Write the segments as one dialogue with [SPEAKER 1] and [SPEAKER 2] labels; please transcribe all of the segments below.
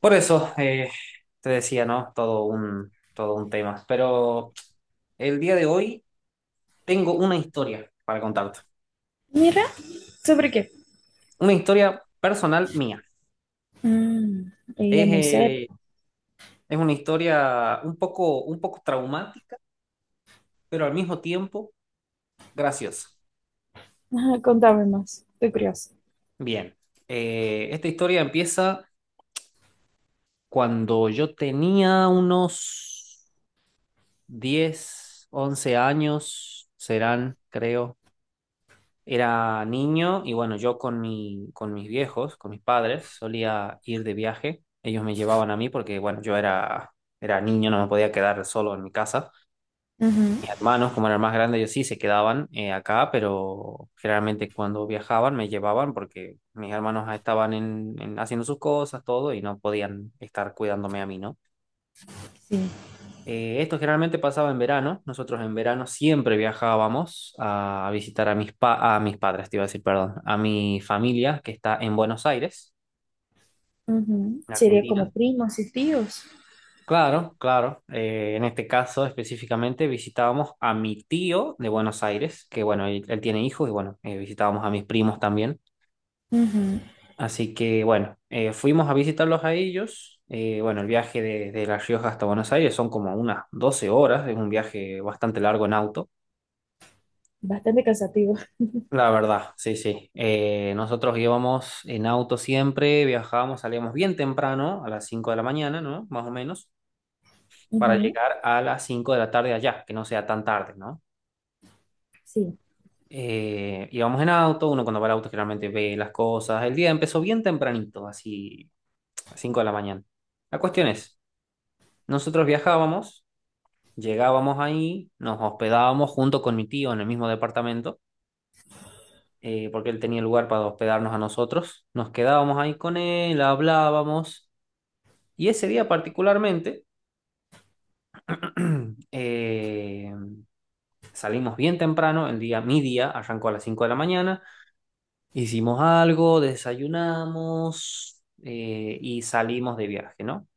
[SPEAKER 1] Por eso te decía, ¿no? Todo un tema. Pero el día de hoy tengo una historia para contarte.
[SPEAKER 2] Mira, ¿sobre qué?
[SPEAKER 1] Una historia personal mía.
[SPEAKER 2] Mm, ella
[SPEAKER 1] Es,
[SPEAKER 2] es muy seria.
[SPEAKER 1] eh, es una historia un poco traumática, pero al mismo tiempo graciosa.
[SPEAKER 2] Ajá, contame más, estoy curiosa.
[SPEAKER 1] Bien, esta historia empieza cuando yo tenía unos 10 u 11 años, serán, creo. Era niño y bueno, yo con mis viejos, con mis padres, solía ir de viaje. Ellos me llevaban a mí porque, bueno, yo era niño, no me podía quedar solo en mi casa.
[SPEAKER 2] Ujú.
[SPEAKER 1] Mis hermanos, como eran más grandes, ellos sí se quedaban acá, pero generalmente cuando viajaban me llevaban porque mis hermanos estaban haciendo sus cosas, todo, y no podían estar cuidándome a mí, ¿no?
[SPEAKER 2] Sí.
[SPEAKER 1] Esto generalmente pasaba en verano. Nosotros en verano siempre viajábamos a visitar a mis padres, te iba a decir, perdón, a mi familia que está en Buenos Aires,
[SPEAKER 2] Ujú.
[SPEAKER 1] en
[SPEAKER 2] Sería como
[SPEAKER 1] Argentina.
[SPEAKER 2] primos y tíos.
[SPEAKER 1] Claro, claro. En este caso específicamente visitábamos a mi tío de Buenos Aires, que bueno, él tiene hijos y bueno, visitábamos a mis primos también.
[SPEAKER 2] Ujú.
[SPEAKER 1] Así que bueno, fuimos a visitarlos a ellos. Bueno, el viaje de La Rioja hasta Buenos Aires son como unas 12 horas, es un viaje bastante largo en auto.
[SPEAKER 2] Bastante cansativo.
[SPEAKER 1] La verdad, sí, sí. Nosotros íbamos en auto siempre, viajábamos, salíamos bien temprano, a las 5 de la mañana, ¿no? Más o menos, para
[SPEAKER 2] Ujú.
[SPEAKER 1] llegar a las 5 de la tarde allá, que no sea tan tarde, ¿no?
[SPEAKER 2] Sí,
[SPEAKER 1] Íbamos en auto, uno cuando va al auto generalmente ve las cosas. El día empezó bien tempranito, así, a 5 de la mañana. La cuestión es, nosotros viajábamos, llegábamos ahí, nos hospedábamos junto con mi tío en el mismo departamento, porque él tenía lugar para hospedarnos a nosotros. Nos quedábamos ahí con él, hablábamos. Y ese día particularmente eh, salimos bien temprano, el día, mi día arrancó a las 5 de la mañana, hicimos algo, desayunamos y salimos de viaje, ¿no?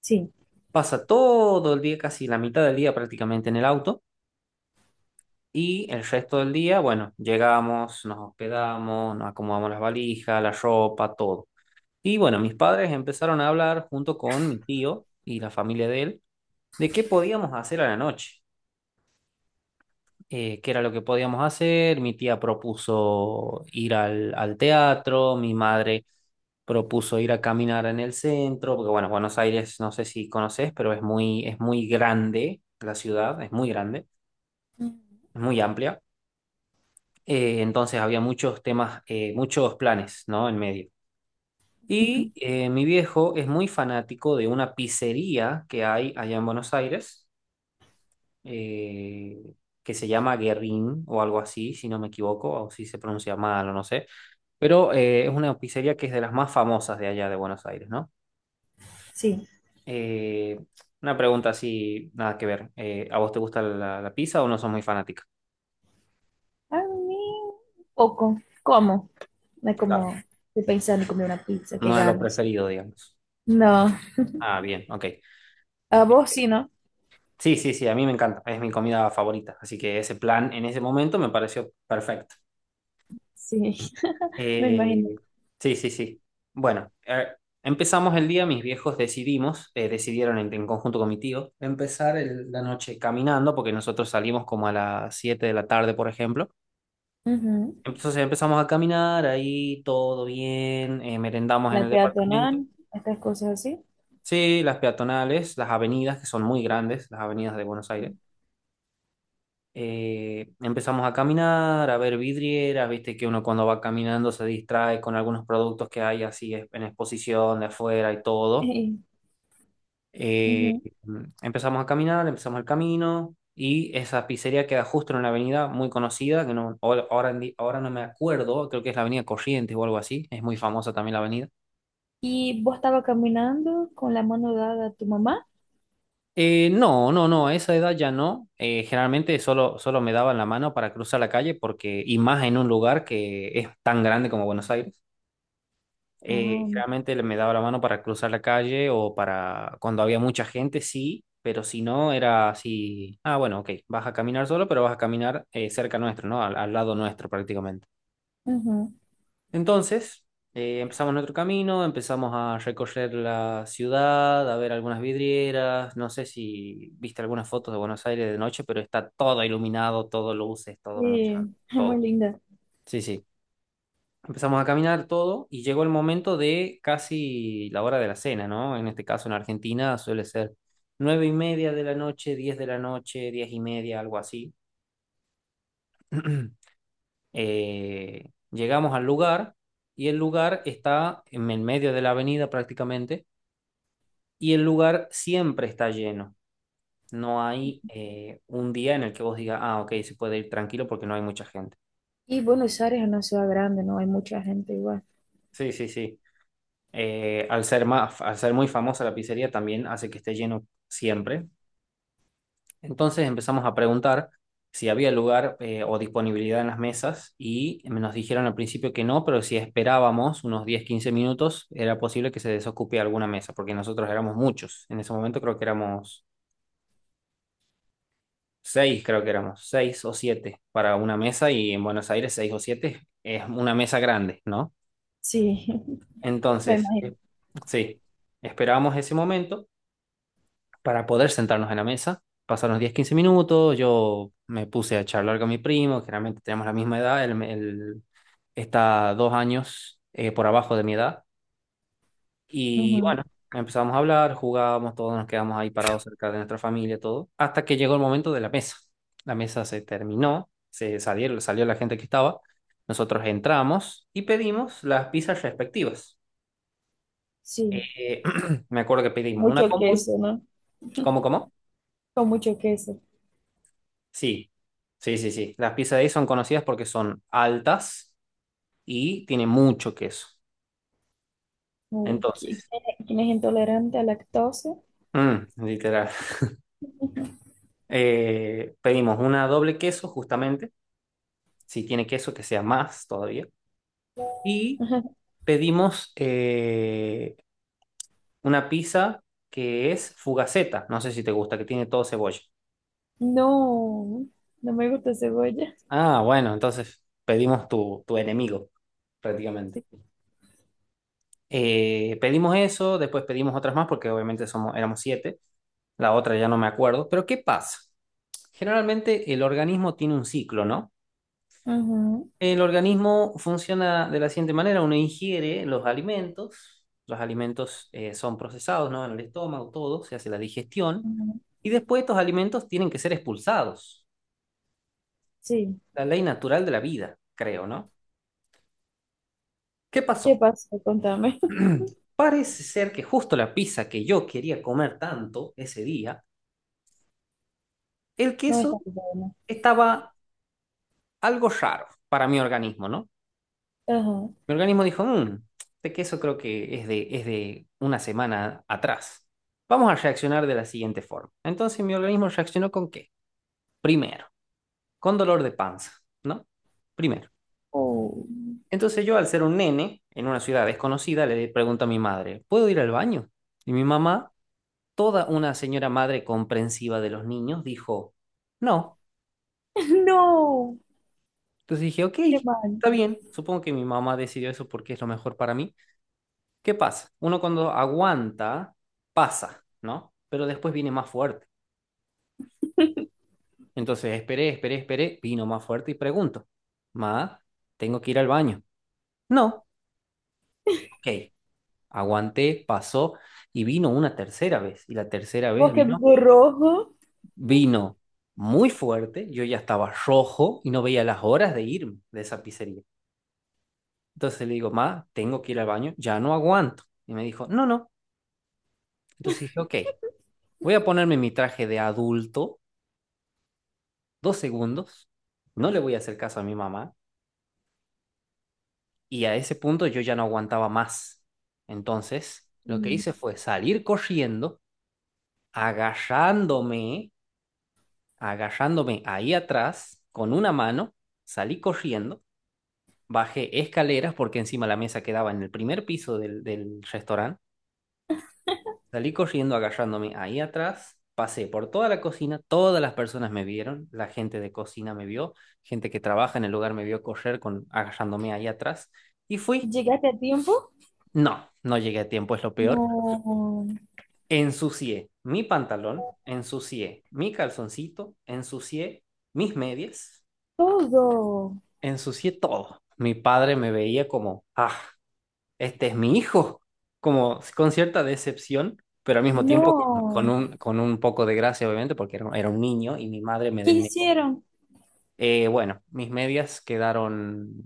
[SPEAKER 2] sí,
[SPEAKER 1] Pasa todo el día, casi la mitad del día prácticamente en el auto. Y el resto del día, bueno, llegamos, nos hospedamos, nos acomodamos las valijas, la ropa, todo. Y bueno, mis padres empezaron a hablar junto con mi tío y la familia de él de qué podíamos hacer a la noche, qué era lo que podíamos hacer. Mi tía propuso ir al teatro, mi madre propuso ir a caminar en el centro, porque bueno, Buenos Aires no sé si conoces, pero es muy grande la ciudad, es muy grande,
[SPEAKER 2] ujú.
[SPEAKER 1] es muy amplia. Entonces había muchos temas, muchos planes, ¿no? En medio. Y mi viejo es muy fanático de una pizzería que hay allá en Buenos Aires, eh, que se llama Guerrín o algo así, si no me equivoco, o si se pronuncia mal o no sé. Pero es una pizzería que es de las más famosas de allá de Buenos Aires, ¿no?
[SPEAKER 2] Sí.
[SPEAKER 1] Eh, una pregunta así, nada que ver. ¿A vos te gusta la pizza o no sos muy fanática?
[SPEAKER 2] A mí, un poco. ¿Cómo? No es
[SPEAKER 1] Claro.
[SPEAKER 2] como estoy pensando en comer una pizza, qué
[SPEAKER 1] No es lo
[SPEAKER 2] ganas.
[SPEAKER 1] preferido, digamos.
[SPEAKER 2] No,
[SPEAKER 1] Ah, bien, ok.
[SPEAKER 2] a vos sí, ¿no?
[SPEAKER 1] Sí, sí, sí, a mí me encanta, es mi comida favorita, así que ese plan en ese momento me pareció perfecto.
[SPEAKER 2] Sí, me imagino.
[SPEAKER 1] Eh, sí, sí, sí. Bueno, empezamos el día, mis viejos decidimos, decidieron en conjunto con mi tío, empezar la noche caminando, porque nosotros salimos como a las 7 de la tarde, por ejemplo.
[SPEAKER 2] Ujú.
[SPEAKER 1] Entonces empezamos a caminar, ahí todo bien, merendamos en
[SPEAKER 2] La
[SPEAKER 1] el
[SPEAKER 2] peatonal,
[SPEAKER 1] departamento.
[SPEAKER 2] estas cosas así.
[SPEAKER 1] Sí, las peatonales, las avenidas, que son muy grandes, las avenidas de Buenos Aires. Empezamos a caminar, a ver vidrieras, viste que uno cuando va caminando se distrae con algunos productos que hay así en exposición de afuera y todo. Eh,
[SPEAKER 2] Ujú.
[SPEAKER 1] empezamos a caminar, empezamos el camino y esa pizzería queda justo en una avenida muy conocida, que no, ahora no me acuerdo, creo que es la avenida Corrientes o algo así, es muy famosa también la avenida.
[SPEAKER 2] Y vos estaba caminando con la mano dada a tu mamá.
[SPEAKER 1] No, no, no, a esa edad ya no. Generalmente solo me daban la mano para cruzar la calle porque, y más en un lugar que es tan grande como Buenos Aires.
[SPEAKER 2] Ah,
[SPEAKER 1] Generalmente me daba la mano para cruzar la calle o para cuando había mucha gente, sí, pero si no, era así, ah, bueno, ok, vas a caminar solo, pero vas a caminar cerca nuestro, ¿no? Al lado nuestro prácticamente.
[SPEAKER 2] ajá.
[SPEAKER 1] Entonces, empezamos nuestro camino, empezamos a recorrer la ciudad, a ver algunas vidrieras, no sé si viste algunas fotos de Buenos Aires de noche, pero está todo iluminado, todo luces, todo mucha,
[SPEAKER 2] Sí, es muy
[SPEAKER 1] todo.
[SPEAKER 2] linda.
[SPEAKER 1] Sí, sí. Empezamos a caminar todo y llegó el momento de casi la hora de la cena, ¿no? En este caso en Argentina suele ser 9:30 de la noche, 10 de la noche, 10:30, algo así. Llegamos al lugar y el lugar está en el medio de la avenida prácticamente y el lugar siempre está lleno. No hay un día en el que vos digas, ah, ok, se puede ir tranquilo porque no hay mucha gente.
[SPEAKER 2] Y Buenos Aires es una ciudad grande, ¿no? Hay mucha gente igual.
[SPEAKER 1] Sí, sí, sí. Al ser muy famosa la pizzería también hace que esté lleno siempre. Entonces empezamos a preguntar si había lugar o disponibilidad en las mesas y nos dijeron al principio que no, pero si esperábamos unos 10-15 minutos era posible que se desocupe alguna mesa, porque nosotros éramos muchos. En ese momento creo que éramos seis, creo que éramos seis o siete para una mesa y en Buenos Aires seis o siete es una mesa grande, ¿no?
[SPEAKER 2] Sí, me
[SPEAKER 1] Entonces,
[SPEAKER 2] imagino.
[SPEAKER 1] sí, esperábamos ese momento para poder sentarnos en la mesa. Pasaron 10-15 minutos, yo me puse a charlar con mi primo, generalmente tenemos la misma edad, él está 2 años por abajo de mi edad. Y
[SPEAKER 2] Ujú.
[SPEAKER 1] bueno, empezamos a hablar, jugábamos todos, nos quedamos ahí parados cerca de nuestra familia, todo, hasta que llegó el momento de la mesa. La mesa se terminó, se salieron, salió la gente que estaba, nosotros entramos y pedimos las pizzas respectivas.
[SPEAKER 2] Sí.
[SPEAKER 1] Eh, me acuerdo que
[SPEAKER 2] ¿Con
[SPEAKER 1] pedimos una
[SPEAKER 2] mucho
[SPEAKER 1] combo,
[SPEAKER 2] queso, ¿no?
[SPEAKER 1] ¿cómo, cómo?
[SPEAKER 2] Con mucho queso.
[SPEAKER 1] Sí, sí, sí, sí. Las pizzas de ahí son conocidas porque son altas y tienen mucho queso. Entonces,
[SPEAKER 2] Quién es intolerante a lactosa?
[SPEAKER 1] mm, literal. Pedimos una doble queso, justamente. Si tiene queso, que sea más todavía. Y pedimos una pizza que es fugaceta. No sé si te gusta, que tiene todo cebolla.
[SPEAKER 2] No, no me gusta cebolla.
[SPEAKER 1] Ah, bueno, entonces pedimos tu enemigo, prácticamente.
[SPEAKER 2] Sí.
[SPEAKER 1] Pedimos eso, después pedimos otras más porque obviamente somos, éramos siete. La otra ya no me acuerdo, pero ¿qué pasa? Generalmente el organismo tiene un ciclo, ¿no?
[SPEAKER 2] Ujú.
[SPEAKER 1] El organismo funciona de la siguiente manera, uno ingiere los alimentos, son procesados, ¿no? En el estómago, todo, se hace la digestión,
[SPEAKER 2] Ujú.
[SPEAKER 1] y después estos alimentos tienen que ser expulsados,
[SPEAKER 2] Sí.
[SPEAKER 1] la ley natural de la vida, creo, ¿no? ¿Qué
[SPEAKER 2] ¿Qué
[SPEAKER 1] pasó?
[SPEAKER 2] pasa? Contame.
[SPEAKER 1] Parece ser que justo la pizza que yo quería comer tanto ese día, el
[SPEAKER 2] No
[SPEAKER 1] queso
[SPEAKER 2] está bien. ¿No?
[SPEAKER 1] estaba algo raro para mi organismo, ¿no?
[SPEAKER 2] Ajá.
[SPEAKER 1] Mi organismo dijo, mmm, este queso creo que es de una semana atrás. Vamos a reaccionar de la siguiente forma. Entonces mi organismo reaccionó, ¿con qué? Primero, con dolor de panza, ¿no? Primero.
[SPEAKER 2] Oh,
[SPEAKER 1] Entonces yo, al ser un nene en una ciudad desconocida, le pregunto a mi madre, ¿puedo ir al baño? Y mi mamá, toda una señora madre comprensiva de los niños, dijo, no.
[SPEAKER 2] no.
[SPEAKER 1] Entonces dije, ok,
[SPEAKER 2] Qué mal.
[SPEAKER 1] está bien. Supongo que mi mamá decidió eso porque es lo mejor para mí. ¿Qué pasa? Uno cuando aguanta, pasa, ¿no? Pero después viene más fuerte. Entonces esperé, esperé, esperé, vino más fuerte y pregunto, Ma, ¿tengo que ir al baño? No, ok. Aguanté, pasó y vino una tercera vez. Y la tercera vez
[SPEAKER 2] Porque
[SPEAKER 1] vino,
[SPEAKER 2] do rojo.
[SPEAKER 1] vino muy fuerte, yo ya estaba rojo y no veía las horas de irme de esa pizzería. Entonces le digo, Ma, tengo que ir al baño, ya no aguanto. Y me dijo, no, no. Entonces dije, ok, voy a ponerme mi traje de adulto 2 segundos, no le voy a hacer caso a mi mamá, y a ese punto yo ya no aguantaba más. Entonces, lo que
[SPEAKER 2] Hum,
[SPEAKER 1] hice fue salir corriendo, agarrándome, agarrándome ahí atrás con una mano, salí corriendo, bajé escaleras porque encima la mesa quedaba en el primer piso del restaurante. Salí corriendo agarrándome ahí atrás, pasé por toda la cocina, todas las personas me vieron, la gente de cocina me vio, gente que trabaja en el lugar me vio correr con agarrándome ahí atrás y fui.
[SPEAKER 2] ¿llegaste a tiempo?
[SPEAKER 1] No, no llegué a tiempo, es lo peor.
[SPEAKER 2] No,
[SPEAKER 1] Ensucié mi pantalón, ensucié mi calzoncito, ensucié mis medias,
[SPEAKER 2] todo.
[SPEAKER 1] ensucié todo. Mi padre me veía como, ah, este es mi hijo, como con cierta decepción, pero al mismo tiempo con,
[SPEAKER 2] No.
[SPEAKER 1] con un poco de gracia, obviamente, porque era un niño y mi madre me
[SPEAKER 2] ¿Qué
[SPEAKER 1] denegó.
[SPEAKER 2] hicieron?
[SPEAKER 1] Bueno, mis medias quedaron,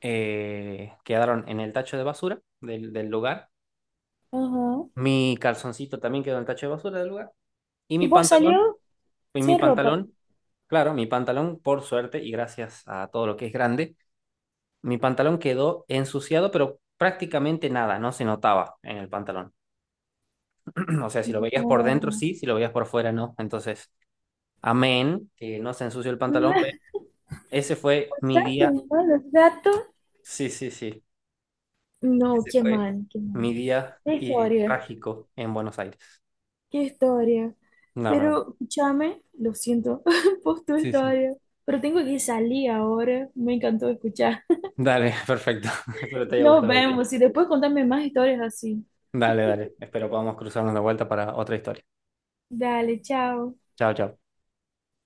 [SPEAKER 1] eh, quedaron en el tacho de basura del lugar.
[SPEAKER 2] Ajá.
[SPEAKER 1] Mi calzoncito también quedó en el tacho de basura del lugar. Y mi
[SPEAKER 2] Y vos
[SPEAKER 1] pantalón,
[SPEAKER 2] salió
[SPEAKER 1] y mi
[SPEAKER 2] sin ropa.
[SPEAKER 1] pantalón, claro, mi pantalón, por suerte y gracias a todo lo que es grande, mi pantalón quedó ensuciado, pero prácticamente nada, no se notaba en el pantalón. O sea, si lo veías por dentro,
[SPEAKER 2] No.
[SPEAKER 1] sí, si lo veías por fuera, no. Entonces, amén, que no se ensució el pantalón, pero ese fue mi
[SPEAKER 2] Bastante
[SPEAKER 1] día,
[SPEAKER 2] malo, gato.
[SPEAKER 1] sí, sí, sí,
[SPEAKER 2] No,
[SPEAKER 1] ese
[SPEAKER 2] qué
[SPEAKER 1] fue
[SPEAKER 2] mal, qué mal.
[SPEAKER 1] mi día
[SPEAKER 2] Qué historia,
[SPEAKER 1] trágico en Buenos Aires,
[SPEAKER 2] qué historia.
[SPEAKER 1] la verdad.
[SPEAKER 2] Pero escúchame, lo siento por tu
[SPEAKER 1] Sí, sí.
[SPEAKER 2] historia, pero tengo que salir ahora. Me encantó escuchar.
[SPEAKER 1] Dale, perfecto. Espero te haya
[SPEAKER 2] Nos
[SPEAKER 1] gustado, Víctor.
[SPEAKER 2] vemos y después contame más historias así.
[SPEAKER 1] Dale, dale. Espero podamos cruzarnos de vuelta para otra historia.
[SPEAKER 2] Dale, chao.
[SPEAKER 1] Chao, chao.